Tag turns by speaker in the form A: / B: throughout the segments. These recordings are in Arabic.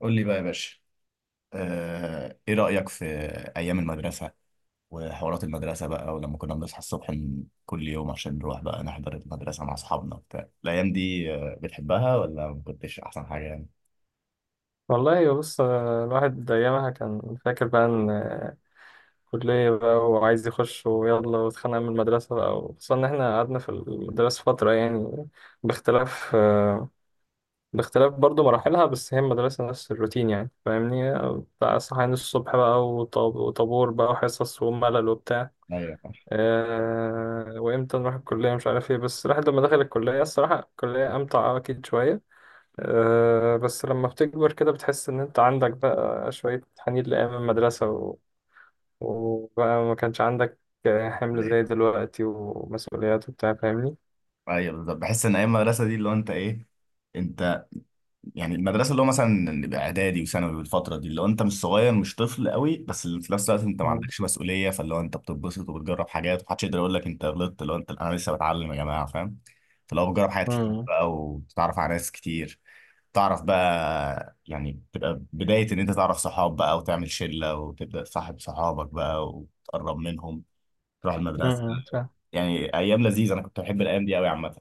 A: قول لي بقى يا باشا. ايه رأيك في ايام المدرسة وحوارات المدرسة بقى ولما كنا بنصحى الصبح من كل يوم عشان نروح بقى نحضر المدرسة مع اصحابنا وبتاع الايام دي، بتحبها ولا ما كنتش احسن حاجة يعني؟
B: والله بص، الواحد أيامها كان فاكر بقى إن كلية بقى وعايز يخش ويلا واتخانق من المدرسة بقى، وخصوصا إن إحنا قعدنا في المدرسة فترة يعني باختلاف آه، باختلاف برضو مراحلها، بس هي المدرسة نفس الروتين يعني فاهمني. بتاع صحيان الصبح بقى وطابور بقى وحصص وملل وبتاع.
A: ايوه.
B: وإمتى نروح الكلية مش عارف إيه، بس الواحد لما دخل الكلية الصراحة الكلية أمتع أكيد شوية. بس لما بتكبر كده بتحس إن أنت عندك بقى شوية حنين لأيام المدرسة، وبقى ما كانش عندك حمل زي
A: ايوه.
B: دلوقتي ومسؤوليات وبتاع فاهمني؟
A: أيوة بالظبط، بحس ان ايام المدرسة دي اللي هو انت ايه، انت يعني المدرسه اللي هو مثلا نبقى اعدادي وثانوي، والفتره دي لو انت مش صغير مش طفل قوي بس اللي في نفس الوقت انت ما
B: مم.
A: عندكش مسؤوليه، فاللي هو انت بتتبسط وبتجرب حاجات ومحدش يقدر يقول لك انت غلطت لو انت، انا لسه بتعلم يا جماعه، فاهم؟ فاللي هو بتجرب حاجات كتير
B: امم،
A: بقى وتتعرف على ناس كتير، تعرف بقى، يعني تبقى بدايه ان انت تعرف صحاب بقى وتعمل شله وتبدا تصاحب صحابك بقى وتقرب منهم، تروح المدرسه.
B: امم، فاهم.
A: يعني ايام لذيذه، انا كنت بحب الايام دي قوي عامه.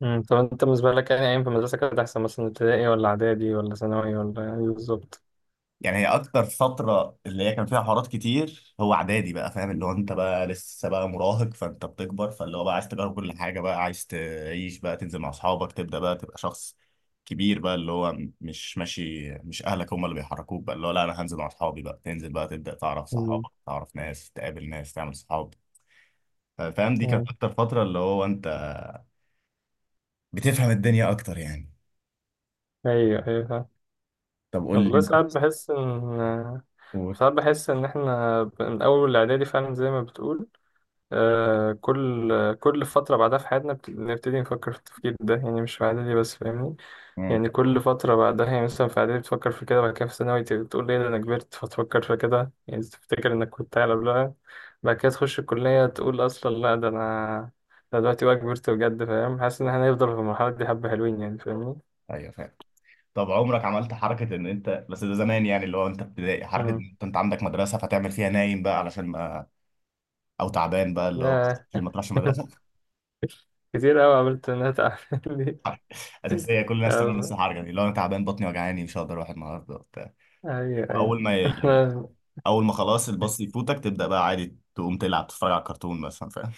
B: مم. طب أنت بالنسبة لك يعني أيام في المدرسة كانت أحسن، مثلا ابتدائي ولا إعدادي ولا ثانوي ولا إيه بالظبط؟
A: يعني هي اكتر فتره اللي هي كان فيها حوارات كتير هو اعدادي بقى، فاهم؟ اللي هو انت بقى لسه بقى مراهق فانت بتكبر، فاللي هو بقى عايز تجرب كل حاجه بقى، عايز تعيش بقى، تنزل مع اصحابك، تبدا بقى تبقى شخص كبير بقى، اللي هو مش ماشي مش اهلك هم اللي بيحركوك بقى، اللي هو لا انا هنزل مع اصحابي بقى، تنزل بقى تبدا تعرف
B: مم.
A: صحابك، تعرف ناس، تقابل ناس، تعمل صحاب، فاهم؟ دي كانت
B: مم.
A: اكتر فتره اللي هو انت بتفهم الدنيا اكتر يعني.
B: أيوه، أيوه، فاهم.
A: طب قول لي
B: والله، ساعات
A: انت.
B: بحس إن،
A: قول.
B: إحنا من أول الإعدادي فعلا زي ما بتقول. آه كل كل فترة بعدها في حياتنا بنبتدي نفكر في التفكير ده، يعني مش في إعدادي بس فاهمني.
A: مم.
B: يعني كل فترة بعدها، يعني مثلا في إعدادي بتفكر في كده، بعد كده في ثانوي تقول إيه ده أنا كبرت، فتفكر في كده يعني تفتكر إنك كنت أعلى قبلها. بعد كده تخش الكلية تقول أصلا لا ده أنا، ده دلوقتي بقى كبرت بجد فاهم، حاسس إن إحنا هنفضل في المرحلة دي حبة حلوين يعني فاهمني.
A: ايوه فاهم. طب عمرك عملت حركة ان انت، بس ده زمان يعني، اللي هو انت ابتدائي، حركة ان
B: مم.
A: انت، أنت عندك مدرسة فتعمل فيها نايم بقى علشان ما، او تعبان بقى اللي هو
B: ياه.
A: عشان ما تروحش المدرسة؟
B: كتير أوي عملت إنها تعمل لي.
A: حركة اساسية كل الناس تعمل نفس
B: أيوه،
A: الحركة دي، اللي هو انا تعبان بطني وجعاني مش هقدر اروح النهاردة وبتاع، واول ما يعني
B: أيوه.
A: اول ما خلاص الباص يفوتك تبدأ بقى عادي تقوم تلعب تتفرج على كرتون مثلا، فاهم؟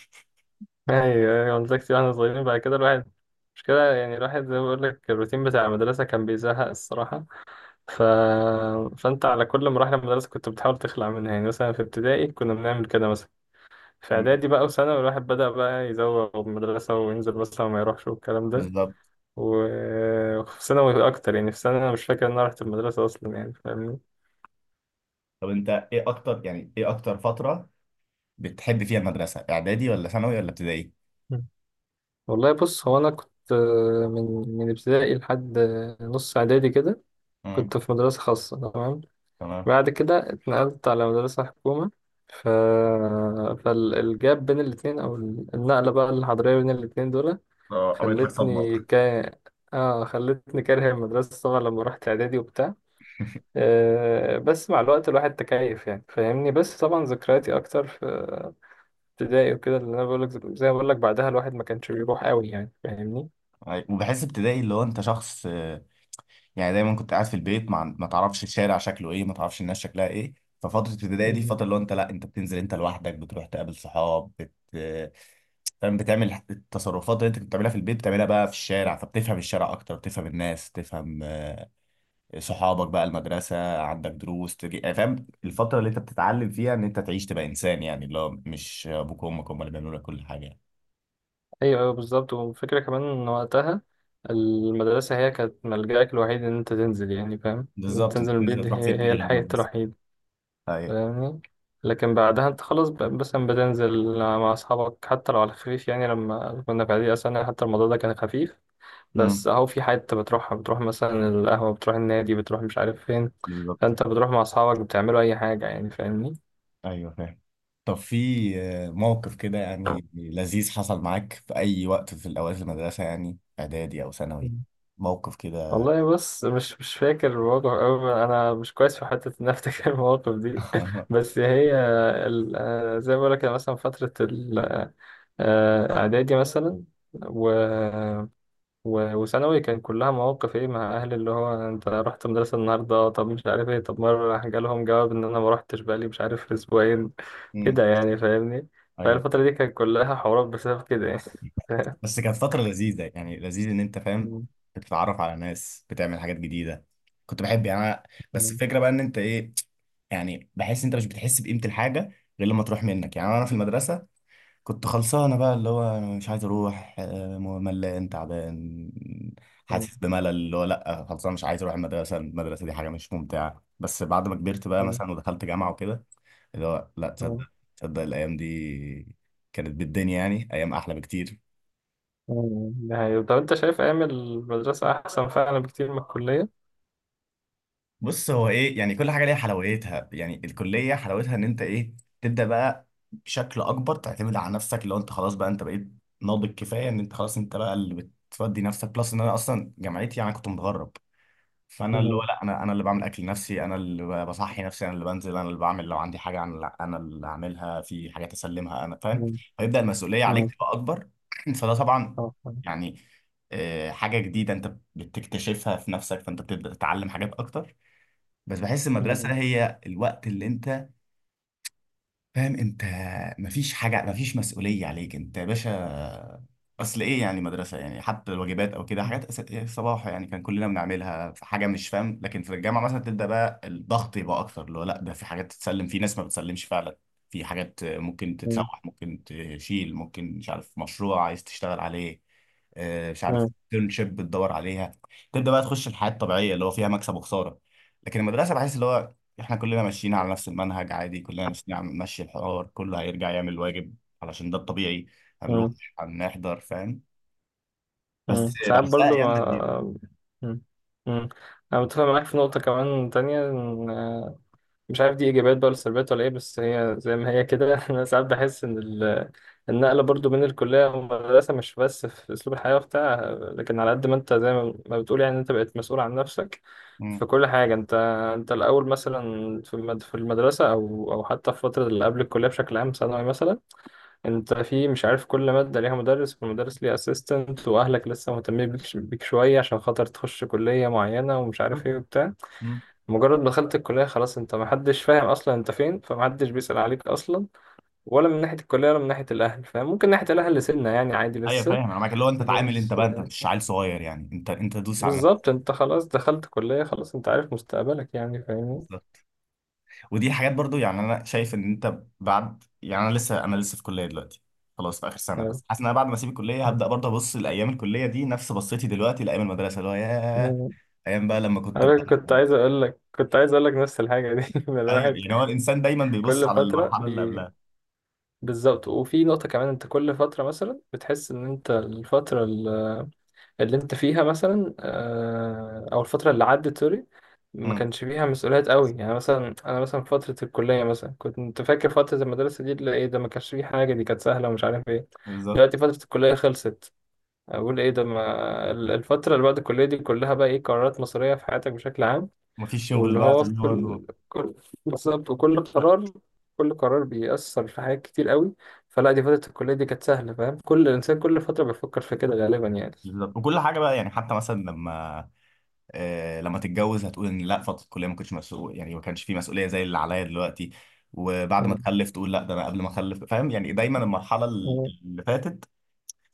B: يعني مدرستي واحنا صغيرين، بعد كده الواحد مش كده يعني، الواحد زي ما بقول لك الروتين بتاع المدرسة كان بيزهق الصراحة. ف... فأنت على كل مراحل المدرسة كنت بتحاول تخلع منها، يعني مثلا في ابتدائي كنا بنعمل كده مثلا. في
A: مم.
B: إعدادي بقى وثانوي الواحد بدأ بقى يزوغ من المدرسة وينزل مثلا وما يروحش والكلام ده.
A: بالظبط.
B: وفي ثانوي أكتر، يعني في ثانوي أنا مش فاكر إن أنا رحت المدرسة أصلا يعني فاهمني.
A: طب انت ايه اكتر، يعني ايه اكتر فترة بتحب فيها المدرسة؟ اعدادي ولا ثانوي ولا ابتدائي؟
B: مم. والله بص، هو أنا كنت من ابتدائي لحد نص إعدادي كده
A: مم.
B: كنت في مدرسة خاصة، تمام.
A: تمام.
B: بعد كده اتنقلت على مدرسة حكومة. ف... فالجاب بين الاتنين، أو النقلة بقى الحضرية بين الاتنين دول
A: قابلت لك صدمة.
B: خلتني ك... آه خلتني كاره المدرسة طبعا لما رحت إعدادي وبتاع. آه بس مع الوقت الواحد تكيف يعني فاهمني، بس طبعا ذكرياتي أكتر في ابتدائي وكده اللي أنا بقولك. زي ما بقولك بعدها الواحد ما كانش بيروح قوي يعني فاهمني.
A: وبحس ابتدائي اللي هو انت شخص، يعني دايما كنت قاعد في البيت، مع ما تعرفش الشارع شكله ايه، ما تعرفش الناس شكلها ايه، ففترة ابتدائي دي فترة اللي هو انت لا انت بتنزل انت لوحدك، بتروح تقابل صحاب بت... آه، فاهم، بتعمل التصرفات اللي انت كنت بتعملها في البيت بتعملها بقى في الشارع، فبتفهم الشارع اكتر، بتفهم الناس، تفهم صحابك بقى، المدرسة عندك دروس تجي، يعني فاهم الفترة اللي انت بتتعلم فيها ان انت تعيش تبقى انسان، يعني اللي هو مش ابوك وامك هم اللي بيعملوا لك كل حاجة يعني.
B: ايوه، ايوه بالظبط. والفكره كمان ان وقتها المدرسه هي كانت ملجأك الوحيد ان انت تنزل، يعني فاهم إن انت
A: بالظبط، انت
B: تنزل من البيت،
A: بتنزل
B: دي
A: تروح فين
B: هي
A: تاني
B: هي
A: غير
B: الحياه
A: المدرسة؟
B: الوحيده
A: ايوه.
B: فاهمني. لكن بعدها انت خلاص بس بتنزل مع اصحابك حتى لو على خفيف، يعني لما كنا في اعدادي اصلا حتى الموضوع ده كان خفيف.
A: امم.
B: بس اهو في حته بتروحها، بتروح مثلا القهوه، بتروح النادي، بتروح مش عارف فين.
A: بالظبط.
B: فانت بتروح مع اصحابك بتعملوا اي حاجه يعني فاهمني.
A: ايوه فاهم. طب في موقف كده يعني لذيذ حصل معاك في اي وقت في الاوقات المدرسه؟ يعني اعدادي او ثانوي، موقف كده.
B: والله بص مش فاكر المواقف أوي، أنا مش كويس في حتة إن أنا أفتكر المواقف دي. بس هي زي ما بقولك أنا مثلا فترة الإعدادي مثلا و... وثانوي كان كلها مواقف إيه مع أهلي، اللي هو أنت رحت المدرسة النهاردة طب مش عارف إيه، طب مرة راح جالهم جواب إن أنا ما روحتش بقالي مش عارف أسبوعين
A: امم.
B: كده يعني فاهمني.
A: ايوه.
B: فالفترة دي كانت كلها حوارات بسبب كده يعني.
A: بس كانت فتره لذيذه يعني، لذيذ ان انت فاهم بتتعرف على ناس، بتعمل حاجات جديده، كنت بحب يعني أنا- بس الفكره بقى ان انت ايه، يعني بحس انت مش بتحس بقيمه الحاجه غير لما تروح منك، يعني انا في المدرسه كنت خلصانة بقى، اللي هو أنا مش عايز أروح، ملان، تعبان، حاسس بملل، اللي هو لأ خلصانة مش عايز أروح المدرسة، المدرسة دي حاجة مش ممتعة. بس بعد ما كبرت بقى
B: فاهم؟
A: مثلا ودخلت جامعة وكده، اللي هو لأ، تصدق، تصدق الأيام دي كانت بالدنيا، يعني أيام أحلى بكتير.
B: مم. ده حقيقي. طب أنت شايف أيام المدرسة أحسن فعلا بكتير من الكلية؟
A: بص، هو ايه، يعني كل حاجه ليها حلاوتها يعني، الكليه حلاوتها ان انت ايه، تبدا بقى بشكل اكبر تعتمد على نفسك، اللي هو انت خلاص بقى انت بقيت ناضج كفايه ان انت خلاص انت بقى اللي بتفضي نفسك، بلس ان انا اصلا جامعتي يعني كنت متغرب، فانا اللي هو
B: مم.
A: لا انا، انا اللي بعمل اكل نفسي، انا اللي بصحي نفسي، انا اللي بنزل، انا اللي بعمل لو عندي حاجه، انا اللي اعملها، في حاجات اسلمها انا، فاهم؟
B: مم.
A: فيبدا المسؤوليه عليك
B: مم.
A: تبقى اكبر. فده طبعا
B: آه.
A: يعني، حاجه جديده انت بتكتشفها في نفسك، فانت بتبدا تتعلم حاجات اكتر. بس بحس
B: مم.
A: المدرسة هي الوقت اللي انت فاهم انت، مفيش حاجة، مفيش مسؤولية عليك انت يا باشا، اصل ايه يعني مدرسة، يعني حتى الواجبات او كده
B: مم.
A: حاجات إيه صباح يعني كان كلنا بنعملها في حاجة، مش فاهم، لكن في الجامعة مثلا تبدأ بقى الضغط يبقى اكتر، اللي هو لا ده في حاجات تتسلم، في ناس ما بتسلمش فعلا، في حاجات ممكن
B: مم.
A: تتسوح، ممكن تشيل، ممكن مش عارف مشروع عايز تشتغل عليه، مش عارف internship بتدور عليها، تبدأ بقى تخش الحياة الطبيعية اللي هو فيها مكسب وخسارة. لكن المدرسة بحس اللي هو احنا كلنا ماشيين على نفس المنهج عادي، كلنا ماشيين على ماشي، الحوار كله هيرجع يعمل الواجب علشان ده الطبيعي، هنروح،
B: مم.
A: هنحضر، فاهم؟ بس
B: مم. ساعات
A: بحسها
B: برضو
A: ايام لذيذه.
B: ما. مم. مم. أنا متفق معاك في نقطة كمان تانية، إن مش عارف دي ايجابيات بقى ولا سلبيات ولا ايه، بس هي زي ما هي كده. انا ساعات بحس ان النقله برضو بين الكليه والمدرسه مش بس في اسلوب الحياه وبتاع، لكن على قد ما انت زي ما بتقول يعني انت بقيت مسؤول عن نفسك
A: مم.
B: في كل حاجه. انت الاول مثلا في في المدرسه، او حتى في فتره اللي قبل الكليه بشكل عام، ثانوي مثلا، انت في مش عارف كل ماده ليها مدرس، والمدرس ليه اسيستنت، واهلك لسه مهتمين بيك شويه عشان خاطر تخش كليه معينه ومش عارف ايه وبتاع.
A: مم.
B: مجرد ما دخلت الكلية خلاص انت محدش فاهم اصلا انت فين، فمحدش بيسأل عليك اصلا، ولا من ناحية الكلية ولا من ناحية الاهل. فاهم، ممكن ناحية الاهل سنة يعني عادي
A: ايوه
B: لسه،
A: فاهم، انا معاك اللي هو انت تعامل انت
B: بس
A: بقى، انت مش عيل صغير يعني، انت دوس على
B: بالظبط
A: نفسك.
B: انت خلاص دخلت كلية خلاص انت عارف مستقبلك يعني فاهمني.
A: بالظبط. ودي حاجات برضو يعني انا شايف ان انت بعد، يعني انا لسه في كليه دلوقتي خلاص، في اخر سنه،
B: يعني-
A: بس حاسس ان انا بعد ما اسيب الكليه هبدا برضه ابص لايام الكليه دي نفس بصيتي دلوقتي لايام المدرسه، اللي هو ياه،
B: مم.
A: ايام بقى لما كنت.
B: انا كنت عايز اقول لك، نفس الحاجة دي. إن
A: ايوه
B: الواحد
A: يعني هو الانسان دايما بيبص
B: كل
A: على
B: فترة
A: المرحله اللي
B: بي...
A: قبلها.
B: بالظبط. وفي نقطة كمان انت كل فترة مثلا بتحس ان انت الفترة اللي انت فيها مثلا، او الفتره اللي عدت سوري ما
A: امم.
B: كانش فيها مسؤوليات قوي، يعني مثلا انا مثلا في فتره الكليه مثلا كنت فاكر فتره المدرسه دي اللي ايه ده، ما كانش فيه حاجه، دي كانت سهله ومش عارف ايه.
A: بالظبط.
B: دلوقتي فتره الكليه خلصت، اقول ايه ده، ما ال- الفتره اللي بعد الكليه دي كلها بقى ايه، قرارات مصيريه في حياتك بشكل عام.
A: مفيش شغل
B: واللي
A: بقى
B: هو
A: فاللي هو الروح.
B: كل بالظبط. وكل قرار كل قرار بيأثر في حاجات كتير قوي. فلا دي فتره الكليه دي كانت سهله فاهم، كل انسان كل فتره بيفكر في كده غالبا يعني.
A: بالظبط، وكل حاجه بقى يعني حتى مثلا لما، لما تتجوز هتقول ان لا فتره الكليه ما كنتش مسؤول يعني، ما كانش في مسؤوليه زي اللي عليا دلوقتي. وبعد ما تخلف تقول لا ده انا قبل ما اخلف، فاهم؟ يعني دايما المرحله
B: مم.
A: اللي فاتت،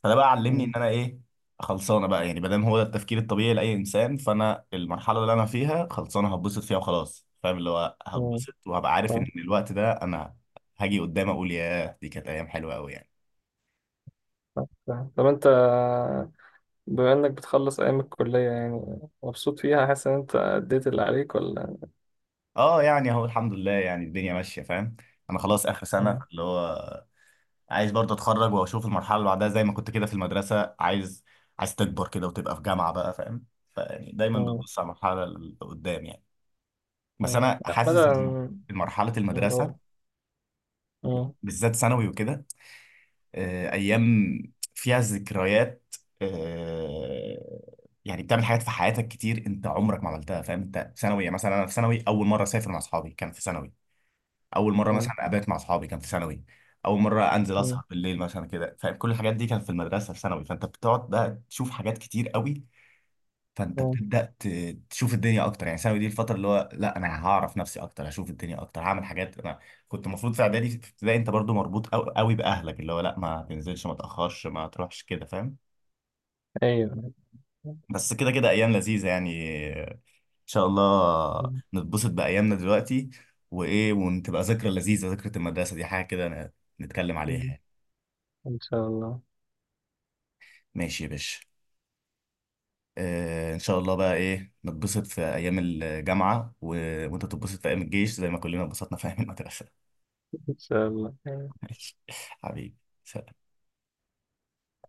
A: فده بقى علمني ان
B: مم.
A: انا ايه، خلصانه بقى يعني، بدل، هو ده التفكير الطبيعي لاي انسان، فانا المرحله اللي انا فيها خلصانه هتبسط فيها وخلاص، فاهم؟ اللي هو
B: مم.
A: هتبسط وهبقى عارف ان
B: فاهم،
A: الوقت ده انا هاجي قدام اقول ياه دي كانت ايام حلوه قوي يعني.
B: فاهم، فاهم. طب انت، بما انك بتخلص ايام الكلية، يعني مبسوط فيها، حاسس ان انت اديت اللي عليك ولا؟
A: اه يعني اهو الحمد لله يعني الدنيا ماشيه، فاهم؟ انا خلاص اخر سنه،
B: مم.
A: اللي هو عايز برضه اتخرج واشوف المرحله اللي بعدها، زي ما كنت كده في المدرسه عايز، عايز تكبر كده وتبقى في جامعه بقى، فاهم؟ فيعني دايما
B: مم.
A: بتبص على المرحله اللي قدام يعني. بس
B: مم.
A: انا
B: لا،
A: حاسس
B: بدأ
A: ان مرحله
B: من
A: المدرسه
B: الاول. مم.
A: بالذات ثانوي وكده، ايام فيها ذكريات، آه، يعني بتعمل حاجات في حياتك كتير انت عمرك ما عملتها، فاهم؟ انت في ثانوي يعني، مثلا انا في ثانوي اول مره اسافر مع اصحابي كان في ثانوي، اول مره
B: مم.
A: مثلا ابات مع اصحابي كان في ثانوي، اول مره انزل
B: مم.
A: اسهر بالليل مثلا كده، فاهم؟ كل الحاجات دي كانت في المدرسه في ثانوي، فانت بتقعد بقى تشوف حاجات كتير قوي، فانت
B: مم.
A: تشوف الدنيا اكتر يعني، ثانوي دي الفتره اللي هو لا انا هعرف نفسي اكتر، هشوف الدنيا اكتر، هعمل حاجات انا كنت المفروض في اعدادي في ابتدائي، انت برضو مربوط قوي باهلك، اللي هو لا ما تنزلش، ما تاخرش، ما تروحش كده، فاهم؟
B: ايوه.
A: بس كده ايام لذيذه يعني. ان شاء الله
B: مم.
A: نتبسط بايامنا دلوقتي، وايه، وتبقى ذكرى لذيذه، ذكرى المدرسه دي حاجه كده نتكلم عليها
B: مم.
A: يعني.
B: ان شاء الله،
A: ماشي يا باشا. آه ان شاء الله بقى ايه، نتبسط في ايام الجامعه وانت تتبسط في ايام الجيش زي ما كلنا اتبسطنا في ايام المدرسه.
B: ان شاء الله.
A: ماشي حبيبي، سلام.